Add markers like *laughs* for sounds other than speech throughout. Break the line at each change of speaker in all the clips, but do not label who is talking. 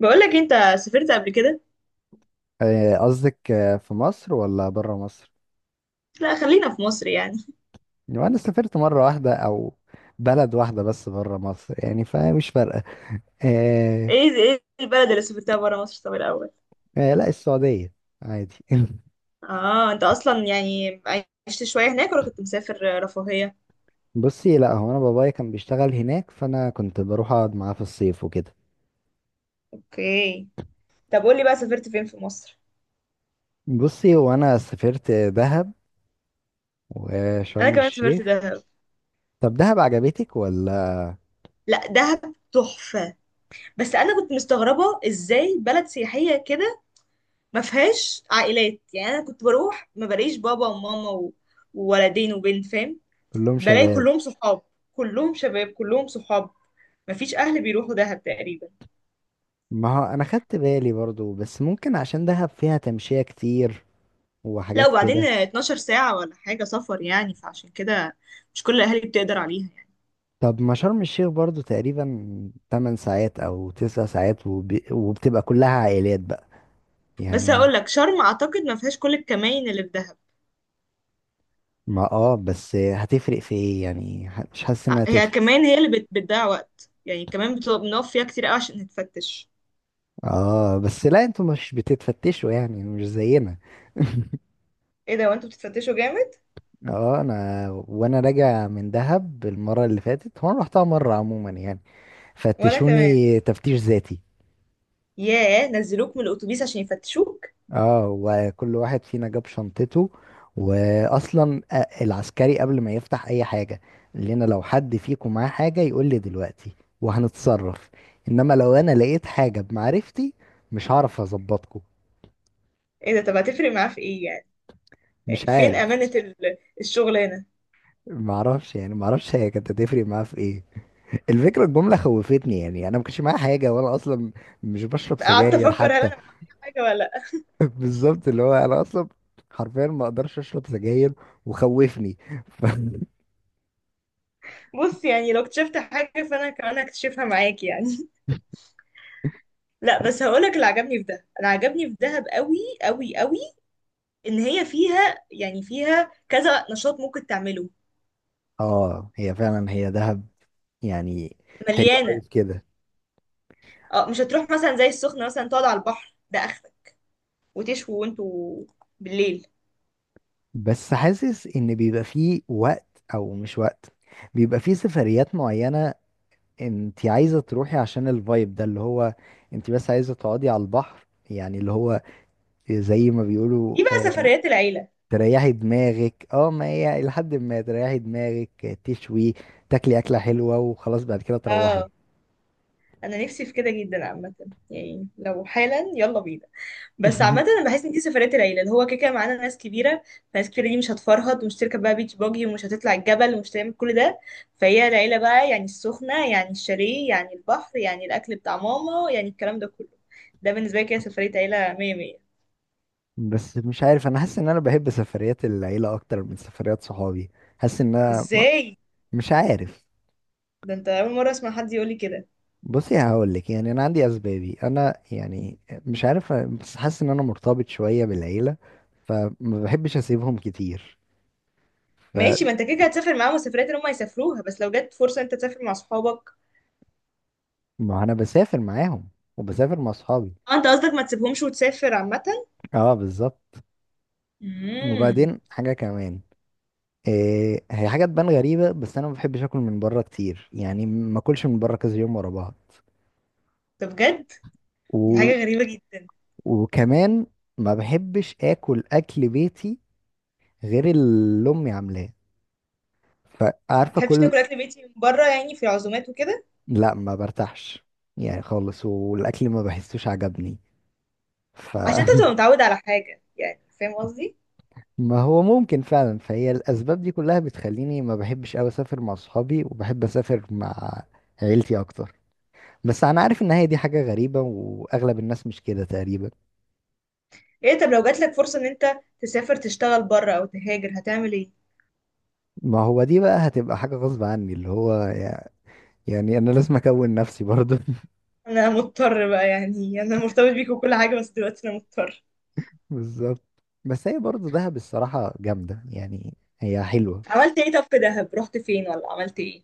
بقولك انت سافرت قبل كده.
آه، قصدك في مصر ولا بره مصر؟
لا خلينا في مصر يعني.
يعني انا سافرت مرة واحدة او بلد واحدة بس بره مصر يعني فمش فارقة. آه.
ايه البلد اللي سافرتها برا مصر طب الاول؟
آه، لا السعودية. عادي. *laughs*
اه انت اصلا يعني عشت شويه هناك ولا كنت مسافر رفاهيه؟
بصي، لا هو انا بابايا كان بيشتغل هناك، فانا كنت بروح اقعد معاه في الصيف وكده.
اوكي، طب قولي بقى سافرت فين في مصر؟
بصي، وانا سافرت دهب
انا
وشرم
كمان سافرت
الشيخ.
دهب.
طب دهب عجبتك ولا؟
لا دهب تحفه، بس انا كنت مستغربه ازاي بلد سياحيه كده ما فيهاش عائلات، يعني انا كنت بروح ما بلاقيش بابا وماما وولدين وبنت فاهم،
كلهم
بلاقي
شباب.
كلهم صحاب، كلهم شباب كلهم صحاب، مفيش اهل بيروحوا دهب تقريبا.
ما هو انا خدت بالي برضو، بس ممكن عشان دهب فيها تمشية كتير
لا
وحاجات
وبعدين
كده.
12 ساعة ولا حاجة سفر، يعني فعشان كده مش كل الأهالي بتقدر عليها يعني.
طب ما شرم الشيخ برضو تقريبا 8 ساعات او 9 ساعات وبتبقى كلها عائلات بقى
بس
يعني.
هقول لك شرم أعتقد ما فيهاش كل الكمائن اللي في دهب.
ما بس هتفرق في ايه يعني؟ مش حاسس انها
هي
هتفرق.
كمان هي اللي بتضيع وقت، يعني كمان بتبقى بنقف فيها كتير قوي عشان نتفتش.
اه بس لا انتوا مش بتتفتشوا يعني، مش زينا. *laughs*
ايه ده وانتوا بتتفتشوا جامد؟
اه، انا وانا راجع من دهب المره اللي فاتت، هو انا رحتها مره عموما يعني،
وانا كمان.
فتشوني تفتيش ذاتي.
ياه نزلوك من الاتوبيس عشان يفتشوك؟
اه، وكل واحد فينا جاب شنطته، واصلا العسكري قبل ما يفتح اي حاجه قال لنا لو حد فيكم معاه حاجه يقول لي دلوقتي وهنتصرف، انما لو انا لقيت حاجه بمعرفتي مش هعرف اظبطكم.
ايه ده طب هتفرق معاه في ايه يعني؟ يعني
مش
فين
عارف.
امانة الشغلانة؟
يعني معرفش هي كانت هتفرق معاه في ايه. الفكره الجمله خوفتني، يعني انا ما كانش معايا حاجه، وانا اصلا مش بشرب
قعدت
سجاير
افكر هل انا
حتى.
معايا حاجة ولا لا.
*laughs* بالظبط، اللي هو انا اصلا حرفيا ما اقدرش اشرب سجاير وخوفني. *laughs*
بص يعني لو اكتشفت حاجة فانا كمان هكتشفها معاك يعني. لا بس هقولك اللي عجبني في ده، انا عجبني في دهب قوي قوي قوي ان هي فيها يعني فيها كذا نشاط ممكن تعمله.
اه هي فعلا هي دهب يعني. حلو قوي
مليانه.
في كده.
اه مش هتروح مثلا زي السخنه مثلا تقعد على البحر ده اخرك، وتشوي وانتوا بالليل.
بس حاسس ان بيبقى فيه وقت او مش وقت، بيبقى فيه سفريات معينة انت عايزة تروحي عشان الفايب ده اللي هو، انت بس عايزة تقعدي على البحر يعني، اللي هو زي ما بيقولوا
دي بقى سفريات العيله.
تريحي دماغك. اه ما هي لحد ما تريحي دماغك، تشوي تاكلي اكلة حلوة وخلاص بعد كده تروحي.
اه انا نفسي في كده جدا عامه، يعني لو حالا يلا بينا. بس عامة
*laughs*
انا بحس ان دي سفرية العيلة، اللي هو كده كده معانا ناس كبيرة، فناس كبيرة دي مش هتفرهد ومش تركب بقى بيتش باجي ومش هتطلع الجبل ومش تعمل كل ده. فهي العيلة بقى يعني السخنة يعني الشاليه يعني البحر يعني الأكل بتاع ماما يعني الكلام ده كله. ده بالنسبة لي كده سفرية عيلة مية مية.
بس مش عارف، انا حاسس ان انا بحب سفريات العيله اكتر من سفريات صحابي. حاسس ان انا
ازاي؟
مش عارف.
ده انت أول مرة أسمع حد يقولي كده.
بصي هقول لك، يعني انا عندي اسبابي انا يعني. مش عارف، بس حاسس ان انا مرتبط شويه بالعيله فما بحبش اسيبهم كتير
ماشي،
فما.
ما انت كده كده هتسافر معاهم السفريات اللي هم هيسافروها، بس لو جت فرصة انت تسافر مع صحابك.
انا بسافر معاهم وبسافر مع اصحابي.
اه انت قصدك ما تسيبهمش وتسافر عامة؟
اه بالظبط.
امم.
وبعدين حاجه كمان إيه، هي حاجه تبان غريبه، بس انا ما بحبش اكل من بره كتير، يعني ما اكلش من بره كذا يوم ورا بعض.
ده بجد؟ دي حاجة غريبة جدا.
وكمان ما بحبش اكل اكل بيتي غير اللي امي عاملاه،
ما
فعارفه
بتحبش
كل.
تاكل اكل بيتي من بره يعني، في العزومات وكده؟
لا ما برتاحش يعني خالص، والاكل ما بحسوش عجبني
عشان انت
فما.
تبقى متعود على حاجه، يعني فاهم قصدي.
*laughs* هو ممكن فعلا، فهي الاسباب دي كلها بتخليني ما بحبش قوي اسافر مع صحابي وبحب اسافر مع عيلتي اكتر. بس انا عارف ان هي دي حاجه غريبه، واغلب الناس مش كده تقريبا.
ايه طب لو جاتلك فرصه ان انت تسافر تشتغل بره او تهاجر هتعمل ايه؟
ما هو دي بقى هتبقى حاجه غصب عني، اللي هو يعني انا لازم اكون نفسي برضه.
انا مضطر بقى، يعني انا مرتبط بيك وكل حاجه بس دلوقتي انا مضطر.
بالظبط. بس هي برضه دهب الصراحة جامدة، يعني هي حلوة.
عملت ايه طب في دهب، رحت فين ولا عملت ايه؟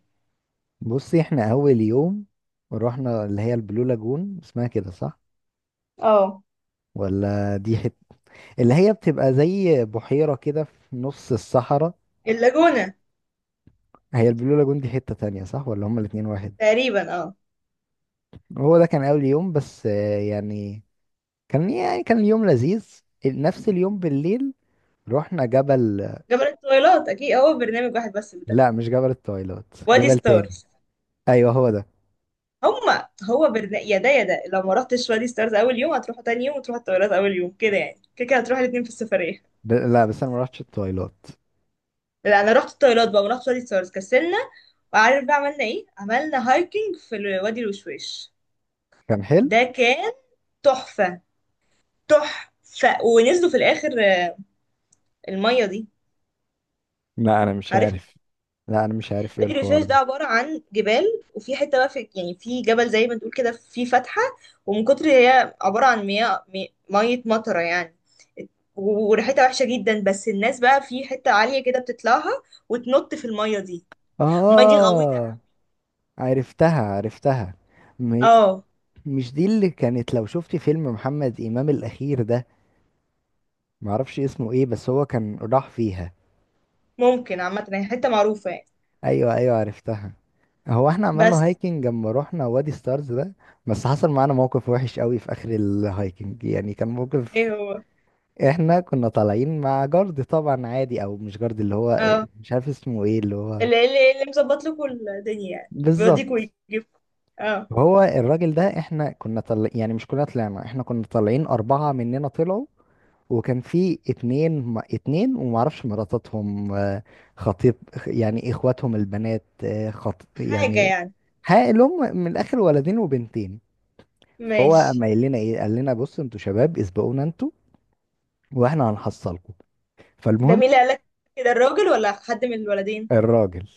بصي، احنا أول يوم رحنا اللي هي البلو لاجون، اسمها كده صح؟
اه.
ولا دي حتة اللي هي بتبقى زي بحيرة كده في نص الصحراء.
اللاجونه.
هي البلو لاجون دي حتة تانية صح؟ ولا هما الاتنين واحد؟
تقريبا اه.
هو ده كان أول يوم بس يعني يعني كان اليوم لذيذ. نفس اليوم بالليل رحنا جبل.
جبل الطويلات اكيد، هو برنامج واحد بس ده.
لا مش جبل التويلات،
وادي
جبل تاني.
ستارز.
أيوه هو ده.
هما هو برنامج يا ده يا ده، لو ما رحتش وادي ستارز اول يوم هتروح تاني يوم وتروح الطويلات اول يوم كده، يعني كده كده هتروح الاتنين في السفريه.
لا بس أنا ما رحتش التويلات.
لا انا رحت الطيارات بقى ورحت وادي سوارز كسلنا. وعارف بقى عملنا ايه؟ عملنا هايكنج في وادي الوشواش.
كان حلو.
ده كان تحفة. تحفة ونزلوا في الاخر المية دي.
لا انا مش
عارف؟
عارف. لا انا مش عارف ايه
وادي
الحوار
الوشواش ده
ده.
عبارة عن جبال، وفي حتة بقى في يعني في جبل زي ما تقول كده في فتحة، ومن كتر هي عبارة عن مياه مية مطرة يعني، وريحتها وحشة جدا، بس الناس بقى في حتة عالية كده بتطلعها وتنط في المية دي. المية دي غويطة.
اه عرفتها عرفتها. م...
اه
مش دي اللي كانت، لو شفتي فيلم محمد امام الاخير ده، معرفش اسمه ايه، بس هو كان راح فيها.
ممكن عامة هي حتة معروفة يعني.
ايوه ايوه عرفتها. هو احنا عملنا
بس
هايكنج لما رحنا وادي ستارز ده. بس حصل معانا موقف وحش قوي في اخر الهايكنج، يعني كان موقف.
ايه هو؟
احنا كنا طالعين مع جارد طبعا عادي، او مش جارد، اللي هو
اه
مش عارف اسمه ايه، اللي هو
اللي اللي مظبط لكم الدنيا يعني، بيوديكوا
بالظبط.
ويجيبكوا. اه.
هو الراجل ده احنا كنا يعني مش كلنا طلعنا، احنا كنا طالعين أربعة مننا طلعوا. وكان في اتنين اتنين ومعرفش مراتاتهم خطيب يعني، اخواتهم البنات خط
حاجة
يعني.
يعني.
ها اللي هم من الاخر ولدين وبنتين. فهو
ماشي.
اما قال لنا ايه، قال لنا بصوا انتوا شباب اسبقونا انتوا واحنا هنحصلكم.
ده
فالمهم.
مين اللي قالك كده، الراجل ولا حد من الولدين؟
الراجل.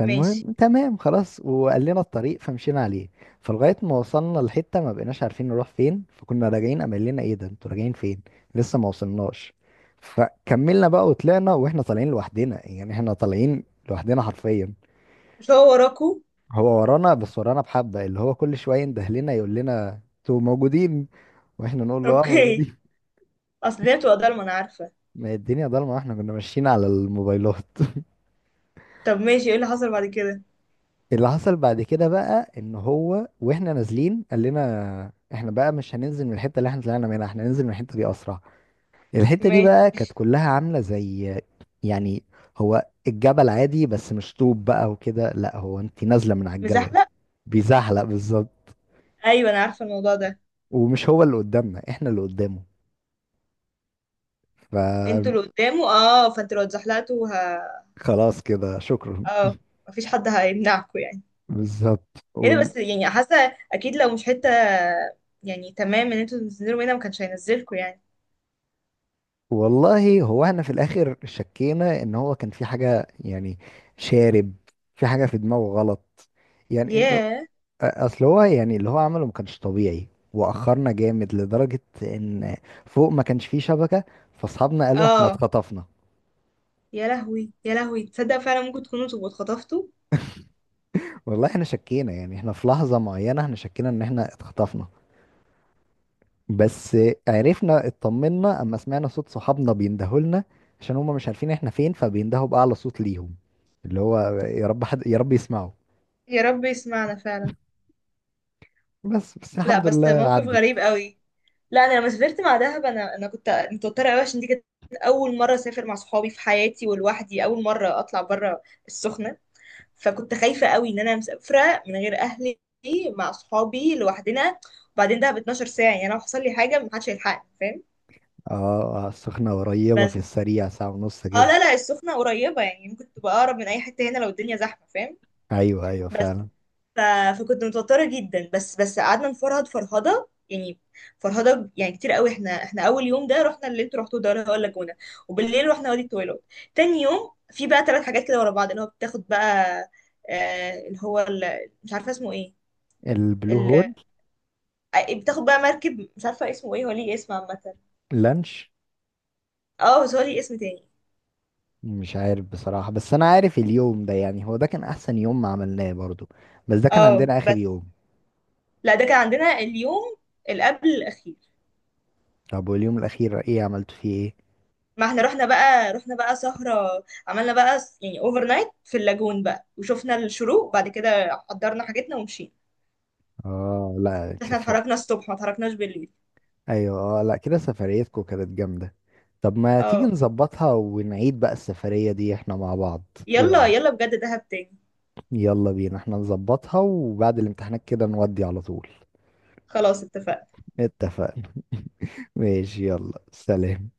ماشي.
تمام خلاص، وقال لنا الطريق فمشينا عليه. فلغاية ما وصلنا لحتة ما بقيناش عارفين نروح فين، فكنا راجعين، قام قال لنا ايه ده انتوا راجعين فين، لسه ما وصلناش. فكملنا بقى وطلعنا، واحنا طالعين لوحدنا يعني، احنا طالعين لوحدنا حرفيا.
مش هو وراكوا؟
هو ورانا، بس ورانا بحبة، اللي هو كل شوية ينده لنا يقول لنا انتوا موجودين، واحنا نقول له اه
اوكي.
موجودين.
اصل دي بتبقى ضلمة انا عارفة.
ما هي الدنيا ضلمة، واحنا كنا ماشيين على الموبايلات.
طب ماشي، ايه اللي حصل بعد كده؟
اللي حصل بعد كده بقى ان هو، واحنا نازلين، قال لنا احنا بقى مش هننزل من الحته اللي احنا طلعنا منها، احنا هننزل من الحته دي اسرع. الحته دي
ماشي.
بقى كانت كلها عامله زي يعني، هو الجبل عادي بس مش طوب بقى وكده، لا هو انت نازله من على الجبل
مزحلق.
بيزحلق بالظبط.
ايوه انا عارفة الموضوع ده.
ومش هو اللي قدامنا، احنا اللي قدامه.
انتوا اللي قدامه اه، فانتوا لو اتزحلقتوا
فخلاص كده شكرا.
اه، مفيش حد هيمنعكوا يعني.
بالظبط.
ايه ده، بس يعني حاسه اكيد لو مش حته يعني تمام ان انتوا تنزلوا هنا ما كانش هينزلكوا يعني.
والله هو احنا في الاخر شكينا ان هو كان في حاجة، يعني شارب، في حاجة في دماغه غلط، يعني انه
ياه.
اصل هو يعني اللي هو عمله ما كانش طبيعي. واخرنا جامد لدرجة ان فوق ما كانش فيه شبكة، فاصحابنا قالوا احنا
اه
اتخطفنا.
يا لهوي يا لهوي، تصدق فعلا ممكن تكونوا تبقوا اتخطفتوا.
والله احنا شكينا، يعني احنا في لحظة معينة احنا شكينا ان احنا اتخطفنا. بس عرفنا اطمنا اما سمعنا صوت صحابنا بيندهوا لنا، عشان هما مش عارفين احنا فين، فبيندهوا بأعلى صوت ليهم اللي هو يا رب حد، يا رب يسمعوا.
يا رب يسمعنا فعلا.
بس
لا
الحمد
بس
لله
موقف
عدت.
غريب قوي. لا انا لما سافرت مع دهب، انا كنت متوتره قوي عشان دي كانت اول مره اسافر مع صحابي في حياتي ولوحدي، اول مره اطلع بره السخنه، فكنت خايفه قوي ان انا مسافره من غير اهلي مع صحابي لوحدنا. وبعدين دهب 12 ساعه، يعني لو حصل لي حاجه محدش هيلحقني فاهم.
اه السخنة قريبة في
بس
السريع، ساعة ونص
اه
كده.
لا لا السخنة قريبة، يعني ممكن تبقى أقرب من أي حتة هنا لو الدنيا زحمة فاهم.
ايوه ايوه
بس
فعلا.
ف... فكنت متوترة جدا. بس قعدنا نفرهد فرهدة يعني، فرهدة يعني كتير قوي. احنا أول يوم ده رحنا اللي انتوا رحتوه ده اللي هو اللاجونة، وبالليل رحنا وادي الطويلات. تاني يوم في بقى ثلاث حاجات كده ورا بعض اللي هو بتاخد بقى آه اللي هو مش عارفة اسمه ايه.
البلو
ال...
هول.
آه، بتاخد بقى مركب مش عارفة اسمه ايه، هو ليه اسم عامة.
لانش.
اه بس هو ليه اسم تاني.
مش عارف بصراحة، بس انا عارف اليوم ده يعني هو ده كان احسن يوم ما عملناه برضو. بس ده كان
اه
عندنا اخر
بس
يوم.
لا ده كان عندنا اليوم اللي قبل الأخير.
طب واليوم الاخير ايه عملتوا فيه ايه؟
ما احنا رحنا بقى، رحنا بقى سهرة، عملنا بقى يعني اوفر نايت في اللاجون بقى، وشفنا الشروق بعد كده، حضرنا حاجتنا ومشينا.
اه لا
احنا
سفر.
اتحركنا الصبح ما اتحركناش بالليل.
ايوه لا كده سفريتكم كانت جامدة. طب ما تيجي
اه
نظبطها ونعيد بقى السفرية دي احنا مع بعض. ايه
يلا
رأيك؟
يلا بجد دهب تاني.
يلا بينا احنا نظبطها وبعد الامتحانات كده نودي على طول.
خلاص اتفقنا.
اتفقنا. *laughs* ماشي يلا سلام.